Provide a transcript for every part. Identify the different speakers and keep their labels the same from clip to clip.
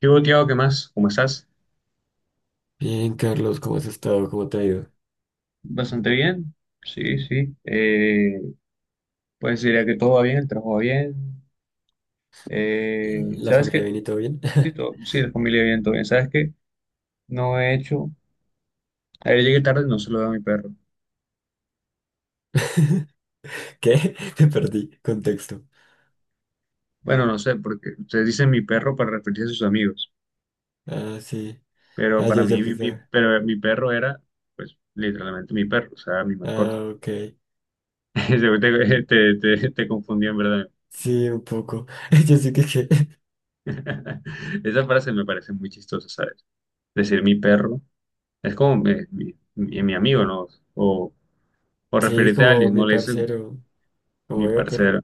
Speaker 1: ¿Qué hubo, Tiago? ¿Qué más? ¿Cómo estás?
Speaker 2: Bien, Carlos, ¿cómo has estado? ¿Cómo te ha ido?
Speaker 1: Bastante bien. Sí, sí. Pues diría que todo va bien, el trabajo va bien.
Speaker 2: ¿La
Speaker 1: ¿Sabes
Speaker 2: familia
Speaker 1: qué?
Speaker 2: bien y todo bien?
Speaker 1: Sí, sí, la familia bien, todo bien. ¿Sabes qué? No he hecho. Ayer llegué tarde y no se lo doy a mi perro.
Speaker 2: ¿Qué? Te perdí. Contexto.
Speaker 1: Bueno, no sé, porque ustedes dicen mi perro para referirse a sus amigos.
Speaker 2: Ah, sí.
Speaker 1: Pero
Speaker 2: Ah, yo
Speaker 1: para
Speaker 2: ya
Speaker 1: mí,
Speaker 2: puse.
Speaker 1: pero mi perro era, pues, literalmente mi perro, o sea, mi
Speaker 2: Ah,
Speaker 1: mascota.
Speaker 2: ok.
Speaker 1: Seguro te confundí, en verdad.
Speaker 2: Sí, un poco. Yo sí que.
Speaker 1: Esa frase me parece muy chistosa, ¿sabes? Decir mi perro. Es como mi amigo, ¿no? O, o
Speaker 2: Sí,
Speaker 1: referirte a
Speaker 2: como
Speaker 1: alguien,
Speaker 2: mi
Speaker 1: no le dices como
Speaker 2: parcero. Como
Speaker 1: mi
Speaker 2: veo, pero.
Speaker 1: parcero,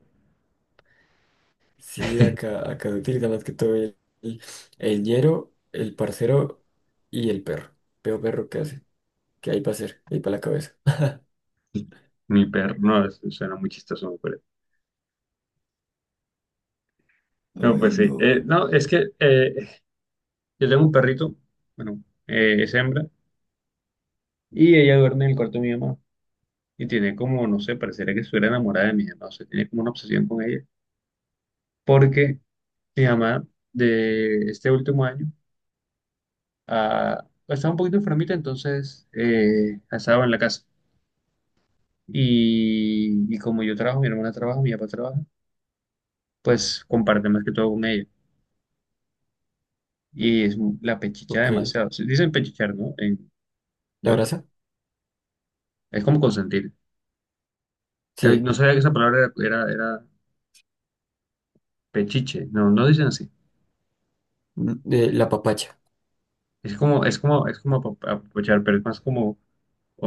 Speaker 2: Sí, acá se utiliza más que todo el, el ñero, el parcero y el perro. Veo perro, ¿qué hace? ¿Qué hay para hacer? ¿Qué hay para la cabeza?
Speaker 1: mi perro, no, eso suena muy chistoso, ¿no? pero. No,
Speaker 2: Ay,
Speaker 1: pues sí.
Speaker 2: no.
Speaker 1: No, es que yo tengo un perrito, bueno, es hembra, y ella duerme en el cuarto de mi mamá. Y tiene como, no sé, pareciera que estuviera enamorada de mi mamá, o sea, tiene como una obsesión con ella. Porque mi mamá, de este último año, estaba un poquito enfermita, entonces estaba en la casa. Y como yo trabajo, mi hermana trabaja, mi papá trabaja, pues comparte más que todo con ella. Y es la pechicha
Speaker 2: Ok.
Speaker 1: demasiado. Se dicen pechichar, ¿no? En
Speaker 2: ¿La
Speaker 1: Bogotá.
Speaker 2: abraza?
Speaker 1: Es como consentir.
Speaker 2: Sí.
Speaker 1: No sabía que esa palabra era pechiche. No, no dicen así.
Speaker 2: Mm, la papacha.
Speaker 1: Es como, apapachar, pero es más como, o,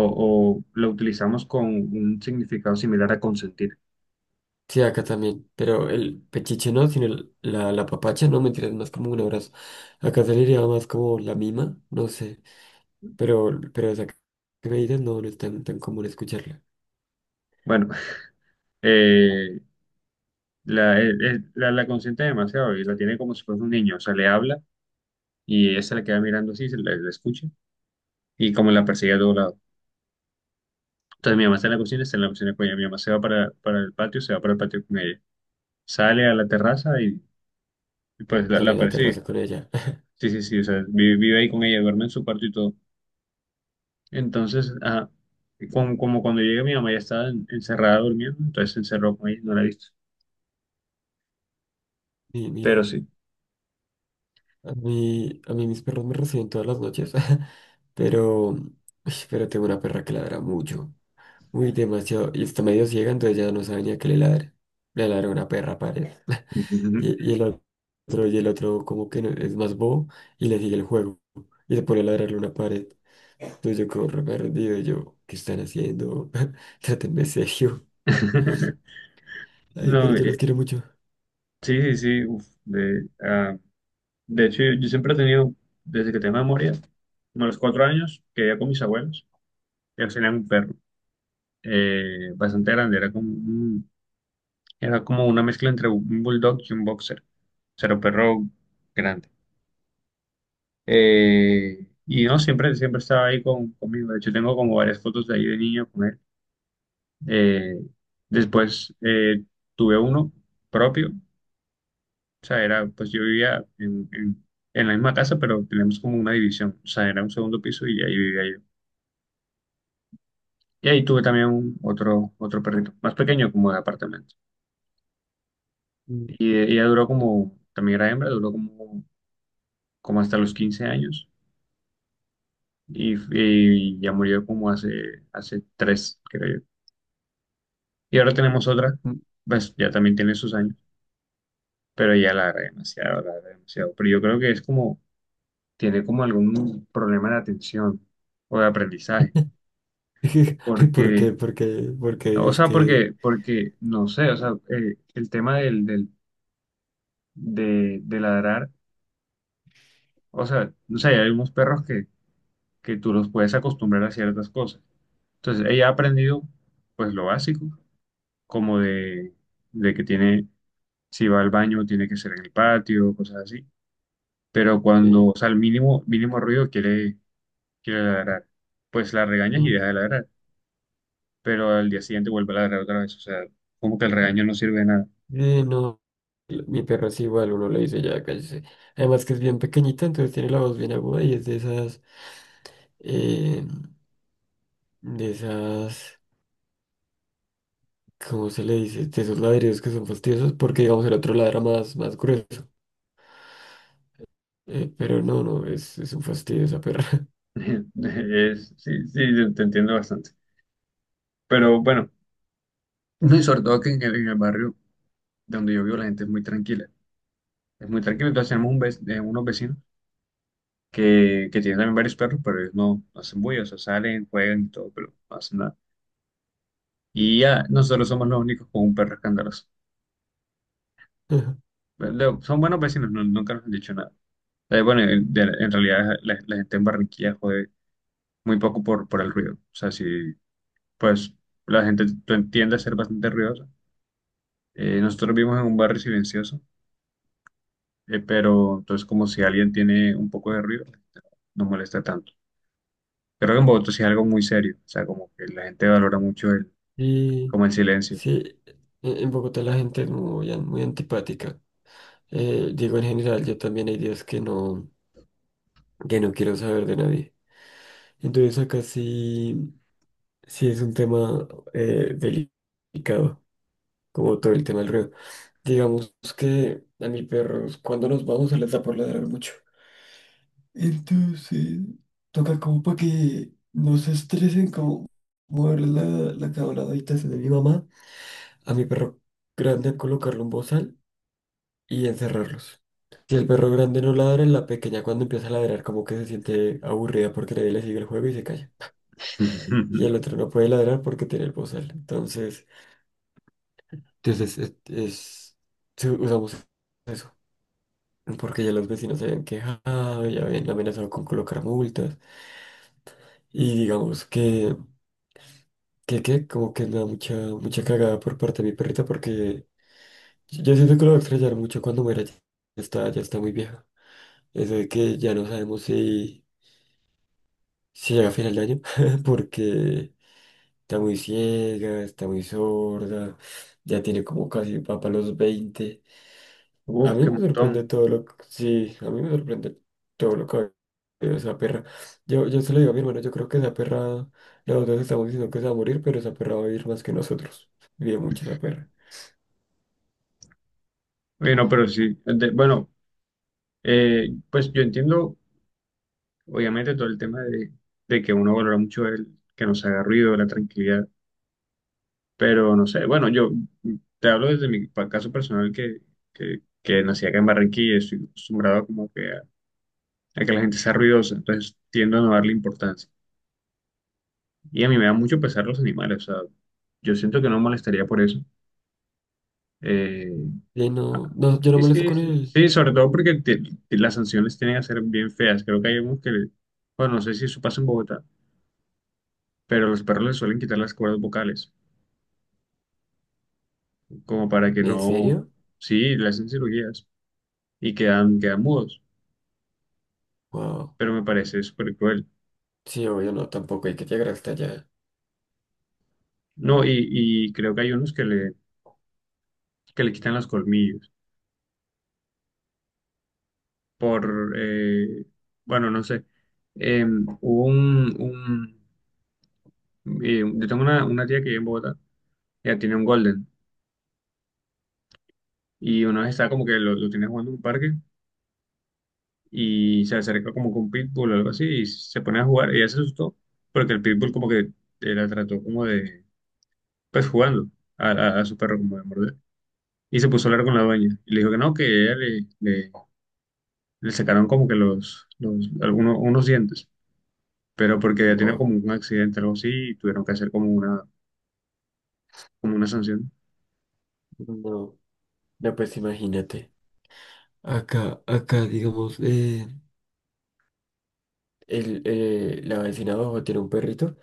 Speaker 1: o lo utilizamos con un significado similar a consentir.
Speaker 2: Sí, acá también, pero el pechiche no, sino la papacha, no, mentira, es más como un abrazo. Acá se le diría más como la mima, no sé, pero esa que me dices no, no es tan común escucharla.
Speaker 1: Bueno, eh, la consiente demasiado y la tiene como si fuese un niño. O sea, le habla y ella se la queda mirando así, se la escucha y como la perseguía a todo lado. Entonces mi mamá está en la cocina, está en la cocina con ella. Mi mamá se va para el patio, se va para el patio con ella. Sale a la terraza y pues la,
Speaker 2: Sale a
Speaker 1: la
Speaker 2: la terraza
Speaker 1: persigue.
Speaker 2: con ella.
Speaker 1: Sí, sí, sí, o sea, vive ahí con ella, duerme en su cuarto y todo. Entonces, como cuando llega mi mamá ya estaba encerrada durmiendo, entonces se encerró con ella, no la he visto.
Speaker 2: Y
Speaker 1: Pero
Speaker 2: mira,
Speaker 1: sí.
Speaker 2: a mí mis perros me reciben todas las noches, pero, uy, pero tengo una perra que ladra mucho, muy demasiado, y está medio ciega, entonces ya no sabe ni a qué le ladra. Le ladra una perra, pared. Y el otro, y el otro como que es más bobo y le sigue el juego. Y se pone a ladrarle una pared. Entonces yo como re perdido, y yo, ¿qué están haciendo? Trátenme serio. Ay, pero
Speaker 1: No,
Speaker 2: yo los quiero mucho.
Speaker 1: sí, sí, sí. Uf, de hecho, yo siempre he tenido, desde que tengo memoria, como a los 4 años, que vivía con mis abuelos, ellos tenían un perro. Bastante grande, era como una mezcla entre un bulldog y un boxer, o sea, era un perro grande. Y no, siempre estaba ahí conmigo. De hecho tengo como varias fotos de ahí de niño con él. Eh, después tuve uno propio, o sea, era, pues yo vivía en la misma casa, pero teníamos como una división, o sea, era un segundo piso y ahí vivía yo. Y ahí tuve también otro perrito, más pequeño como de apartamento.
Speaker 2: Mm,
Speaker 1: Y ella duró como, también era hembra, duró como hasta los 15 años y ya murió como hace tres, creo yo. Y ahora tenemos otra,
Speaker 2: mm.
Speaker 1: pues ya también tiene sus años, pero ya la agrega demasiado, la agrega demasiado. Pero yo creo que es como, tiene como algún problema de atención o de aprendizaje,
Speaker 2: ¿Por
Speaker 1: porque,
Speaker 2: qué? ¿Por qué? ¿Por qué
Speaker 1: no, o
Speaker 2: dices
Speaker 1: sea, porque, no sé, o sea, el tema de ladrar, o sea, no sé, hay algunos perros que tú los puedes acostumbrar a ciertas cosas. Entonces, ella ha aprendido pues lo básico, como de que tiene, si va al baño, tiene que ser en el patio, cosas así. Pero cuando,
Speaker 2: que
Speaker 1: o sea, el mínimo, mínimo ruido quiere, ladrar, pues la regañas y
Speaker 2: no?
Speaker 1: deja de ladrar. Pero al día siguiente vuelve a ladrar otra vez. O sea, como que el regaño no sirve de nada.
Speaker 2: Eh, no, Mi perro es igual, uno le dice ya, cállese. Además que es bien pequeñita, entonces tiene la voz bien aguda y es eh, de esas... ¿cómo se le dice? De esos ladridos que son fastidiosos, porque digamos el otro ladra más, más grueso. Pero no, no, es un fastidio esa perra.
Speaker 1: Sí, sí, te entiendo bastante. Pero bueno, no, y sobre todo que en el barrio donde yo vivo la gente es muy tranquila. Es muy tranquila. Entonces tenemos unos vecinos que tiene también varios perros, pero ellos no hacen bulla, o sea, salen, juegan y todo, pero no hacen nada. Y ya, nosotros somos los únicos con un perro escandaloso. Pero son buenos vecinos, nunca nos han dicho nada. Bueno, en realidad la gente en Barranquilla jode muy poco por el ruido. O sea, si, pues, la gente tiende a ser bastante ruidosa. Nosotros vivimos en un barrio silencioso, pero entonces como si alguien tiene un poco de ruido, no molesta tanto. Creo que en Bogotá sí es algo muy serio, o sea, como que la gente valora mucho
Speaker 2: Y
Speaker 1: como el silencio.
Speaker 2: sí, en Bogotá la gente es muy, muy antipática. Digo, en general, yo también hay días que no quiero saber de nadie. Entonces acá sí, sí es un tema delicado, como todo el tema del ruido. Digamos que a mis perros, cuando nos vamos, se les da por ladrar mucho. Entonces, toca como para que no se estresen, como mover la cama a la habitación de mi mamá, a mi perro grande colocarle un bozal y encerrarlos. Si el perro grande no ladra, la pequeña cuando empieza a ladrar como que se siente aburrida porque nadie le sigue el juego y se calla. Y el otro no puede ladrar porque tiene el bozal. Entonces, entonces sí, usamos eso. Porque ya los vecinos se habían quejado, ya habían amenazado con colocar multas. Y digamos que como que me da mucha cagada por parte de mi perrita porque yo siento que lo voy a extrañar mucho cuando muera. Ya está muy vieja. Eso de que ya no sabemos si, si llega a final de año porque está muy ciega, está muy sorda, ya tiene como casi va para los 20. A
Speaker 1: Uf,
Speaker 2: mí
Speaker 1: qué
Speaker 2: me sorprende
Speaker 1: montón.
Speaker 2: todo lo que... Sí, a mí me sorprende todo lo que... ha vivido esa perra, yo se lo digo a mi hermano, yo creo que esa perra, nosotros estamos diciendo que se va a morir, pero esa perra va a vivir más que nosotros. Vive mucho esa perra.
Speaker 1: Bueno, pero sí, bueno, pues yo entiendo, obviamente, todo el tema de que uno valora mucho el que nos haga ruido, la tranquilidad, pero no sé, bueno, yo te hablo desde mi caso personal que, que nací acá en Barranquilla y estoy acostumbrado como que a que la gente sea ruidosa, entonces tiendo a no darle importancia. Y a mí me da mucho pesar los animales, o sea, yo siento que no me molestaría por eso. eh,
Speaker 2: Le
Speaker 1: Ah,
Speaker 2: no, no, yo no
Speaker 1: Sí,
Speaker 2: molesto
Speaker 1: sí,
Speaker 2: con
Speaker 1: sí,
Speaker 2: él.
Speaker 1: sí, sobre todo porque las sanciones tienen a ser bien feas. Creo que hay unos que, bueno, no sé si eso pasa en Bogotá, pero los perros les suelen quitar las cuerdas vocales, como para que
Speaker 2: ¿En
Speaker 1: no,
Speaker 2: serio?
Speaker 1: sí, le hacen cirugías y quedan mudos,
Speaker 2: Wow.
Speaker 1: pero me parece súper cruel.
Speaker 2: Sí, obvio, no, tampoco hay que llegar hasta allá.
Speaker 1: No, y creo que hay unos que que le quitan los colmillos por, bueno, no sé. Eh, hubo un yo tengo una tía que vive en Bogotá, ella tiene un golden. Y una vez estaba como que lo tenía jugando en un parque y se acerca como con un Pitbull o algo así y se pone a jugar. Ella se asustó porque el Pitbull como que la trató como de, pues jugando a su perro como de morder. Y se puso a hablar con la dueña y le dijo que no, que ella le sacaron como que los algunos unos dientes, pero porque había tenido
Speaker 2: Wow.
Speaker 1: como un accidente o algo así y tuvieron que hacer como una sanción.
Speaker 2: No, no, pues imagínate. Acá, digamos, la vecina abajo tiene un perrito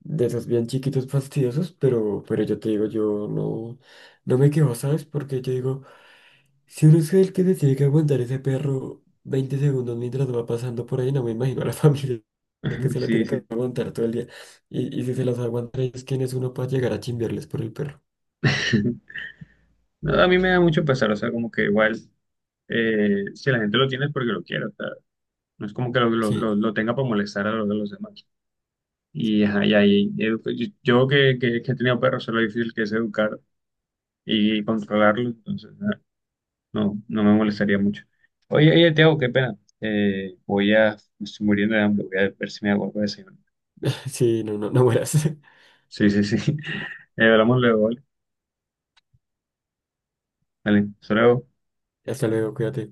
Speaker 2: de esos bien chiquitos fastidiosos, pero yo te digo, yo no, no me quejo, ¿sabes? Porque yo digo, si uno es el que se tiene que aguantar ese perro 20 segundos mientras va pasando por ahí, no me imagino a la familia que se la
Speaker 1: Sí,
Speaker 2: tiene que
Speaker 1: sí.
Speaker 2: aguantar todo el día. Y si se las aguanta ellos, ¿quién es uno para llegar a chimbiarles por el perro?
Speaker 1: No, a mí me da mucho pesar, o sea, como que igual, si la gente lo tiene es porque lo quiere, o sea, no es como que lo, lo- lo-
Speaker 2: Sí,
Speaker 1: lo tenga para molestar a los demás. Y, ajá, y ahí, yo que he tenido perros, sé lo difícil que es educar y controlarlo, entonces no me molestaría mucho. Oye, oye, Tiago, qué pena. Me estoy muriendo de hambre, voy a ver si me hago algo de desayuno.
Speaker 2: sí, no, no, no mueras.
Speaker 1: Sí, sí, sí. Hablamos luego, ¿vale? Vale, hasta luego.
Speaker 2: Hasta luego, cuídate.